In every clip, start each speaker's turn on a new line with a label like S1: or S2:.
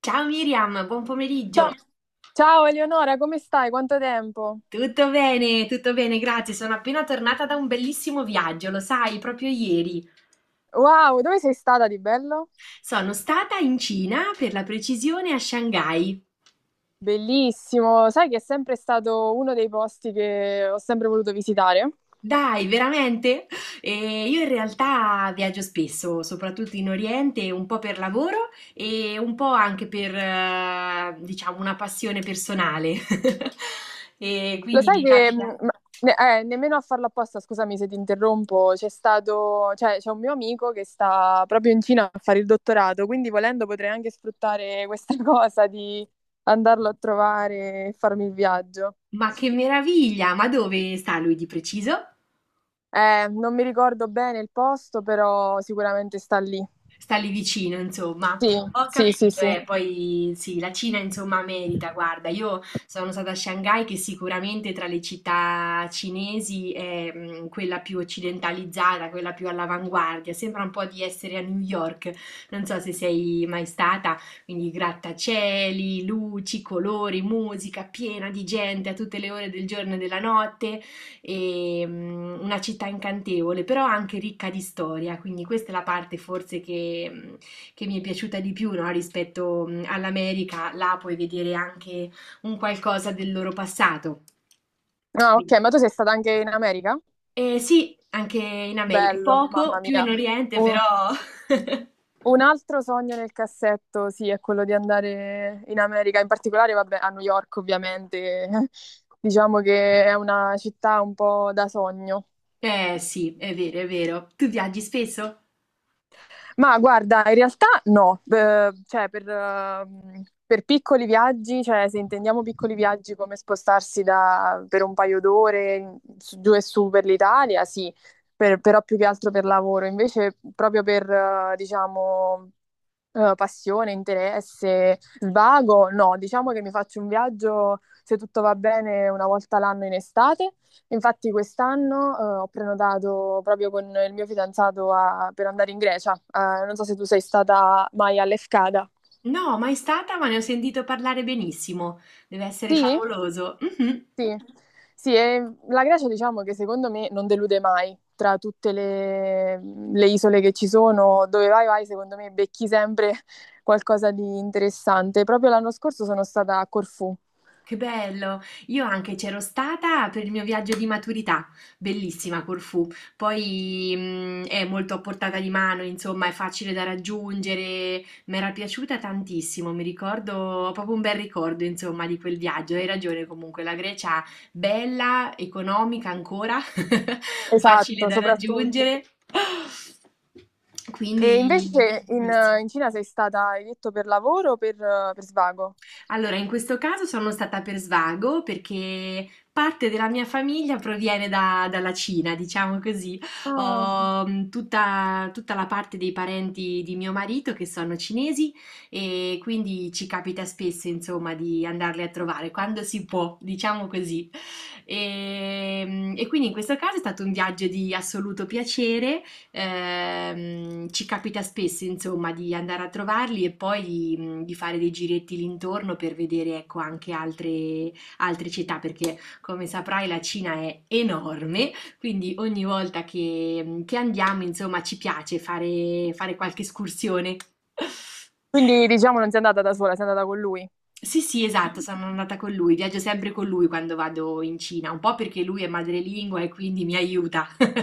S1: Ciao Miriam, buon pomeriggio.
S2: Ciao Eleonora, come stai? Quanto tempo?
S1: Tutto bene, grazie. Sono appena tornata da un bellissimo viaggio, lo sai, proprio ieri.
S2: Wow, dove sei stata di bello?
S1: Sono stata in Cina, per la precisione, a Shanghai.
S2: Bellissimo, sai che è sempre stato uno dei posti che ho sempre voluto visitare.
S1: Dai, veramente? E io in realtà viaggio spesso, soprattutto in Oriente, un po' per lavoro e un po' anche per, diciamo, una passione personale. E
S2: Lo
S1: quindi
S2: sai
S1: mi
S2: che,
S1: capita.
S2: ne- nemmeno a farlo apposta, scusami se ti interrompo, c'è stato, cioè c'è un mio amico che sta proprio in Cina a fare il dottorato, quindi volendo potrei anche sfruttare questa cosa di andarlo a trovare e farmi il viaggio.
S1: Ma che meraviglia! Ma dove sta lui di preciso?
S2: Non mi ricordo bene il posto, però sicuramente sta lì.
S1: Sta lì vicino, insomma.
S2: Sì,
S1: Ho
S2: sì, sì,
S1: capito,
S2: sì.
S1: e poi sì, la Cina insomma merita, guarda, io sono stata a Shanghai che sicuramente tra le città cinesi è quella più occidentalizzata, quella più all'avanguardia, sembra un po' di essere a New York, non so se sei mai stata, quindi grattacieli, luci, colori, musica piena di gente a tutte le ore del giorno e della notte, e una città incantevole, però anche ricca di storia, quindi questa è la parte forse che mi è piaciuta di più, no, rispetto all'America, là puoi vedere anche un qualcosa del loro passato.
S2: Ah,
S1: Quindi-
S2: ok, ma tu sei stata anche in America?
S1: Sì, anche in America,
S2: Bello,
S1: poco,
S2: mamma
S1: più in
S2: mia.
S1: Oriente, però.
S2: Un, un altro sogno nel cassetto, sì, è quello di andare in America, in particolare, vabbè, a New York, ovviamente. Diciamo che è una città un po' da sogno.
S1: Eh sì, è vero, è vero. Tu viaggi spesso?
S2: Ma guarda, in realtà no, cioè per piccoli viaggi, cioè se intendiamo piccoli viaggi come spostarsi per un paio d'ore giù e su per l'Italia, sì, però più che altro per lavoro, invece proprio per, diciamo, passione, interesse, svago, no, diciamo che mi faccio un viaggio, se tutto va bene, una volta l'anno in estate. Infatti quest'anno, ho prenotato proprio con il mio fidanzato per andare in Grecia. Non so se tu sei stata mai all'Efcada.
S1: No, mai stata, ma ne ho sentito parlare benissimo. Deve essere
S2: Sì?
S1: favoloso. Mhm.
S2: Sì. Sì, e la Grecia diciamo che secondo me non delude mai. Tra tutte le isole che ci sono, dove vai vai, secondo me becchi sempre qualcosa di interessante. Proprio l'anno scorso sono stata a Corfù.
S1: Che bello! Io anche c'ero stata per il mio viaggio di maturità, bellissima Corfù. Poi è molto a portata di mano, insomma, è facile da raggiungere. Mi era piaciuta tantissimo, mi ricordo, ho proprio un bel ricordo, insomma, di quel viaggio. Hai ragione comunque, la Grecia bella, economica ancora, facile
S2: Esatto,
S1: da
S2: soprattutto.
S1: raggiungere.
S2: E
S1: Quindi,
S2: invece
S1: benissimo.
S2: in Cina sei stata, hai detto, per lavoro o per svago?
S1: Allora, in questo caso sono stata per svago perché parte della mia famiglia proviene dalla Cina, diciamo così.
S2: Ah.
S1: Ho tutta la parte dei parenti di mio marito che sono cinesi e quindi ci capita spesso, insomma, di andarli a trovare quando si può, diciamo così. E quindi in questo caso è stato un viaggio di assoluto piacere. Ci capita spesso, insomma, di andare a trovarli e poi di fare dei giretti l'intorno per vedere, ecco, anche altre città, perché come saprai la Cina è enorme, quindi ogni volta che andiamo, insomma, ci piace fare qualche escursione.
S2: Quindi diciamo non sei andata da sola, sei andata con lui.
S1: Sì, sì, esatto, sono andata con lui, viaggio sempre con lui quando vado in Cina, un po' perché lui è madrelingua e quindi mi aiuta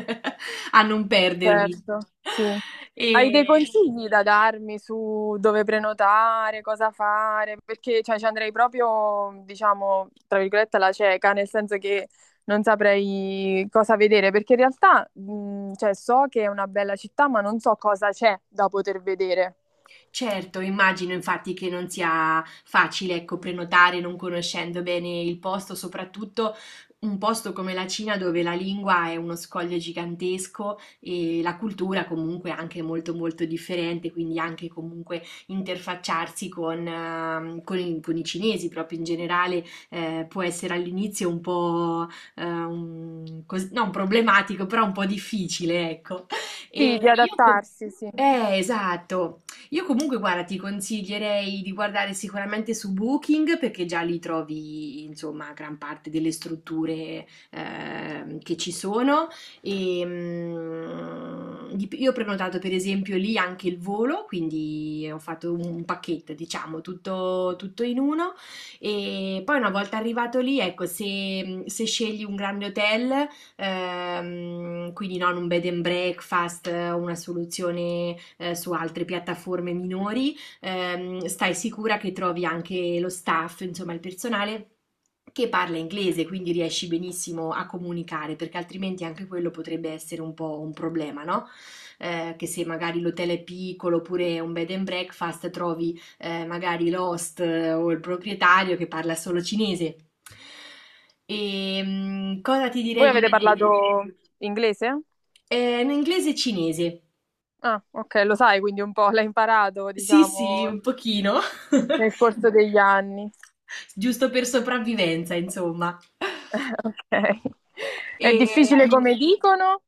S1: a non perdermi.
S2: Certo. Sì.
S1: E
S2: Hai dei consigli da darmi su dove prenotare, cosa fare? Perché cioè, ci andrei proprio, diciamo, tra virgolette, alla cieca, nel senso che non saprei cosa vedere, perché in realtà cioè, so che è una bella città, ma non so cosa c'è da poter vedere.
S1: Certo, immagino infatti che non sia facile, ecco, prenotare non conoscendo bene il posto, soprattutto un posto come la Cina dove la lingua è uno scoglio gigantesco e la cultura comunque anche molto molto differente, quindi anche comunque interfacciarsi con i cinesi proprio in generale, può essere all'inizio un po' non problematico, però un po' difficile, ecco. E
S2: Sì, di
S1: io com-
S2: adattarsi, sì.
S1: esatto. Io comunque, guarda, ti consiglierei di guardare sicuramente su Booking perché già lì trovi, insomma, gran parte delle strutture che ci sono. Io ho prenotato per esempio lì anche il volo, quindi ho fatto un pacchetto, diciamo, tutto in uno. E poi una volta arrivato lì, ecco, se scegli un grande hotel, quindi non un bed and breakfast o una soluzione su altre piattaforme minori, stai sicura che trovi anche lo staff, insomma il personale che parla inglese, quindi riesci benissimo a comunicare, perché altrimenti anche quello potrebbe essere un po' un problema, no? Che se magari l'hotel è piccolo oppure è un bed and breakfast trovi magari l'host o il proprietario che parla solo cinese. E cosa ti direi
S2: Voi
S1: di
S2: avete parlato
S1: vedere?
S2: inglese?
S1: In inglese e cinese.
S2: Ah, ok, lo sai, quindi un po' l'hai imparato,
S1: Sì, sì, un
S2: diciamo,
S1: pochino.
S2: nel corso degli anni.
S1: Giusto per sopravvivenza, insomma.
S2: Ok.
S1: E
S2: È difficile come dicono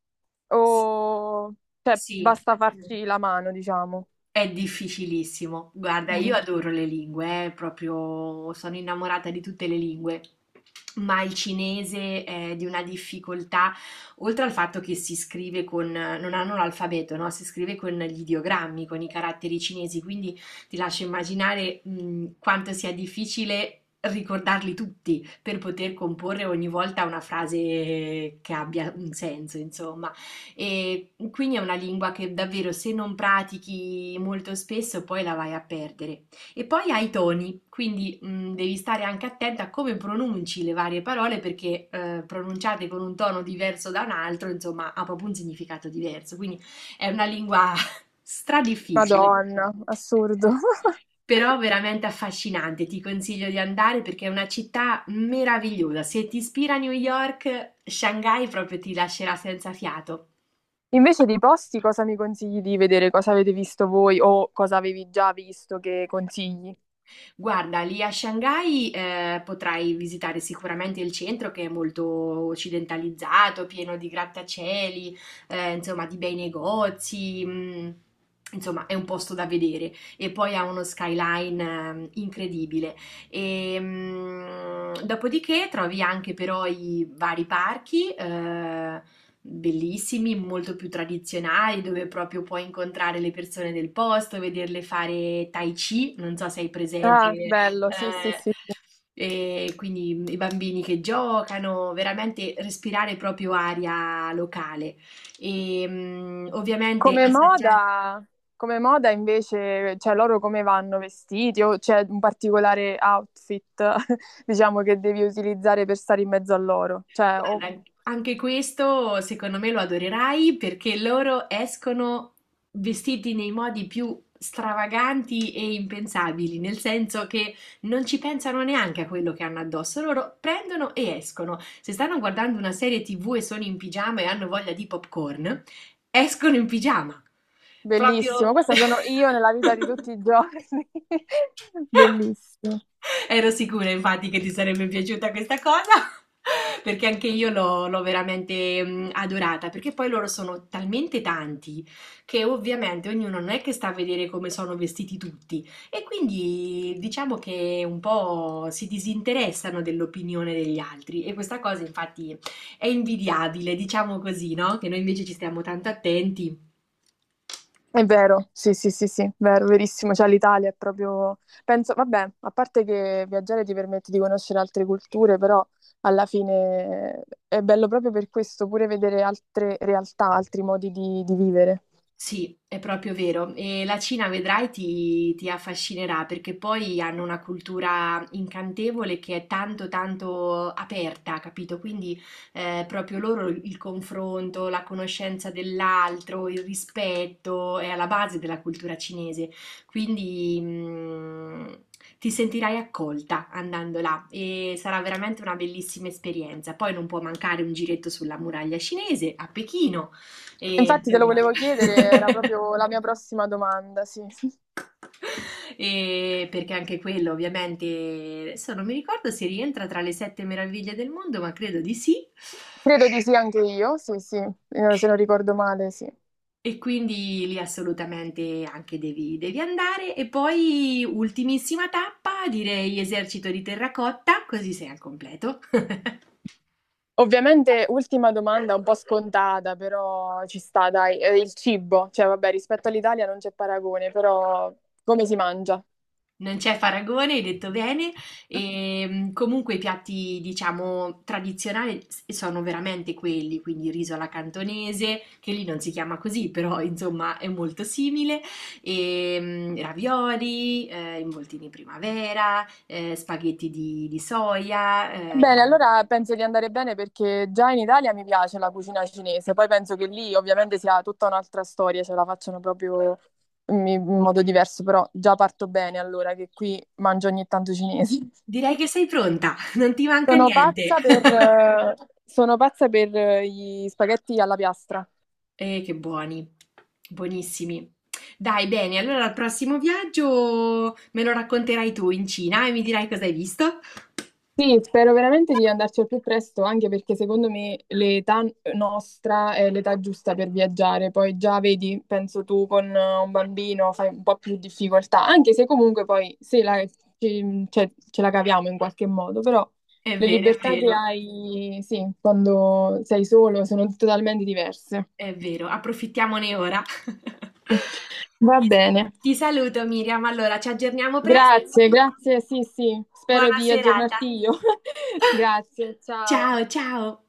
S1: s
S2: o cioè,
S1: Sì.
S2: basta farci la mano, diciamo?
S1: È difficilissimo. Guarda, io
S2: Mm.
S1: adoro le lingue, proprio sono innamorata di tutte le lingue. Ma il cinese è di una difficoltà, oltre al fatto che si scrive con, non hanno l'alfabeto, no? Si scrive con gli ideogrammi, con i caratteri cinesi, quindi ti lascio immaginare, quanto sia difficile ricordarli tutti per poter comporre ogni volta una frase che abbia un senso, insomma. E quindi è una lingua che davvero se non pratichi molto spesso poi la vai a perdere. E poi hai i toni, quindi devi stare anche attenta a come pronunci le varie parole perché pronunciate con un tono diverso da un altro, insomma, ha proprio un significato diverso. Quindi è una lingua stradifficile.
S2: Madonna, assurdo.
S1: Però veramente affascinante, ti consiglio di andare perché è una città meravigliosa. Se ti ispira New York, Shanghai proprio ti lascerà senza fiato.
S2: Invece dei posti, cosa mi consigli di vedere? Cosa avete visto voi o cosa avevi già visto che consigli?
S1: Guarda, lì a Shanghai, potrai visitare sicuramente il centro che è molto occidentalizzato, pieno di grattacieli, insomma, di bei negozi. Insomma, è un posto da vedere e poi ha uno skyline incredibile. E, dopodiché trovi anche però i vari parchi, bellissimi, molto più tradizionali, dove proprio puoi incontrare le persone del posto, vederle fare tai chi, non so se hai presente,
S2: Ah, bello, sì, sì, sì.
S1: e quindi i bambini che giocano, veramente respirare proprio aria locale. E ovviamente
S2: Come
S1: assaggiare.
S2: moda, come moda invece, cioè loro come vanno vestiti o c'è un particolare outfit, diciamo, che devi utilizzare per stare in mezzo a loro? Cioè, o
S1: Guarda, anche questo secondo me lo adorerai perché loro escono vestiti nei modi più stravaganti e impensabili, nel senso che non ci pensano neanche a quello che hanno addosso, loro prendono e escono. Se stanno guardando una serie TV e sono in pigiama e hanno voglia di popcorn, escono in pigiama.
S2: bellissimo,
S1: Proprio.
S2: questa sono io nella vita di tutti i giorni. Bellissimo.
S1: Ero sicura infatti che ti sarebbe piaciuta questa cosa, perché anche io l'ho veramente, adorata, perché poi loro sono talmente tanti che ovviamente ognuno non è che sta a vedere come sono vestiti tutti e quindi diciamo che un po' si disinteressano dell'opinione degli altri e questa cosa infatti è invidiabile, diciamo così, no, che noi invece ci stiamo tanto attenti.
S2: È vero, sì, sì, sì, sì, vero, verissimo. Cioè l'Italia è proprio, penso, vabbè, a parte che viaggiare ti permette di conoscere altre culture, però alla fine è bello proprio per questo, pure vedere altre realtà, altri modi di vivere.
S1: Sì, è proprio vero. E la Cina, vedrai, ti affascinerà perché poi hanno una cultura incantevole che è tanto, tanto aperta, capito? Quindi proprio loro il confronto, la conoscenza dell'altro, il rispetto è alla base della cultura cinese. Quindi ti sentirai accolta andando là e sarà veramente una bellissima esperienza. Poi non può mancare un giretto sulla muraglia cinese a Pechino e
S2: Infatti te lo
S1: insomma.
S2: volevo chiedere, era proprio la mia prossima domanda, sì.
S1: E perché anche quello, ovviamente, adesso non mi ricordo se rientra tra le sette meraviglie del mondo, ma credo di sì.
S2: Credo di sì anche io, sì, sì. Se non ricordo male, sì.
S1: E quindi lì assolutamente anche devi andare. E poi, ultimissima tappa, direi esercito di terracotta, così sei al completo.
S2: Ovviamente, ultima domanda un po' scontata, però ci sta, dai. Il cibo, cioè vabbè, rispetto all'Italia non c'è paragone, però come si mangia?
S1: Non c'è paragone, hai detto bene. E, comunque i piatti, diciamo, tradizionali sono veramente quelli, quindi il riso alla cantonese, che lì non si chiama così, però insomma è molto simile, e, ravioli, involtini primavera, spaghetti di soia.
S2: Bene, allora penso di andare bene perché già in Italia mi piace la cucina cinese, poi penso che lì ovviamente sia tutta un'altra storia, ce la facciano proprio in modo diverso, però già parto bene allora che qui mangio ogni tanto cinese.
S1: Direi che sei pronta, non ti manca
S2: Sono
S1: niente.
S2: pazza per, eh, Sono pazza per gli spaghetti alla piastra.
S1: Che buoni, buonissimi. Dai, bene, allora al prossimo viaggio me lo racconterai tu in Cina e mi dirai cosa hai visto.
S2: Sì, spero veramente di andarci al più presto, anche perché secondo me l'età nostra è l'età giusta per viaggiare. Poi già vedi, penso tu con un bambino fai un po' più difficoltà, anche se comunque poi sì, ce la caviamo in qualche modo, però
S1: È
S2: le
S1: vero, è
S2: libertà che
S1: vero,
S2: hai, sì, quando sei solo sono totalmente diverse.
S1: è vero, approfittiamone ora.
S2: Va
S1: Ti
S2: bene.
S1: ti saluto, Miriam. Allora, ci aggiorniamo presto.
S2: Grazie, grazie, sì, sì, spero
S1: Buona
S2: di aggiornarti
S1: serata.
S2: io. Grazie, ciao.
S1: Ciao, ciao.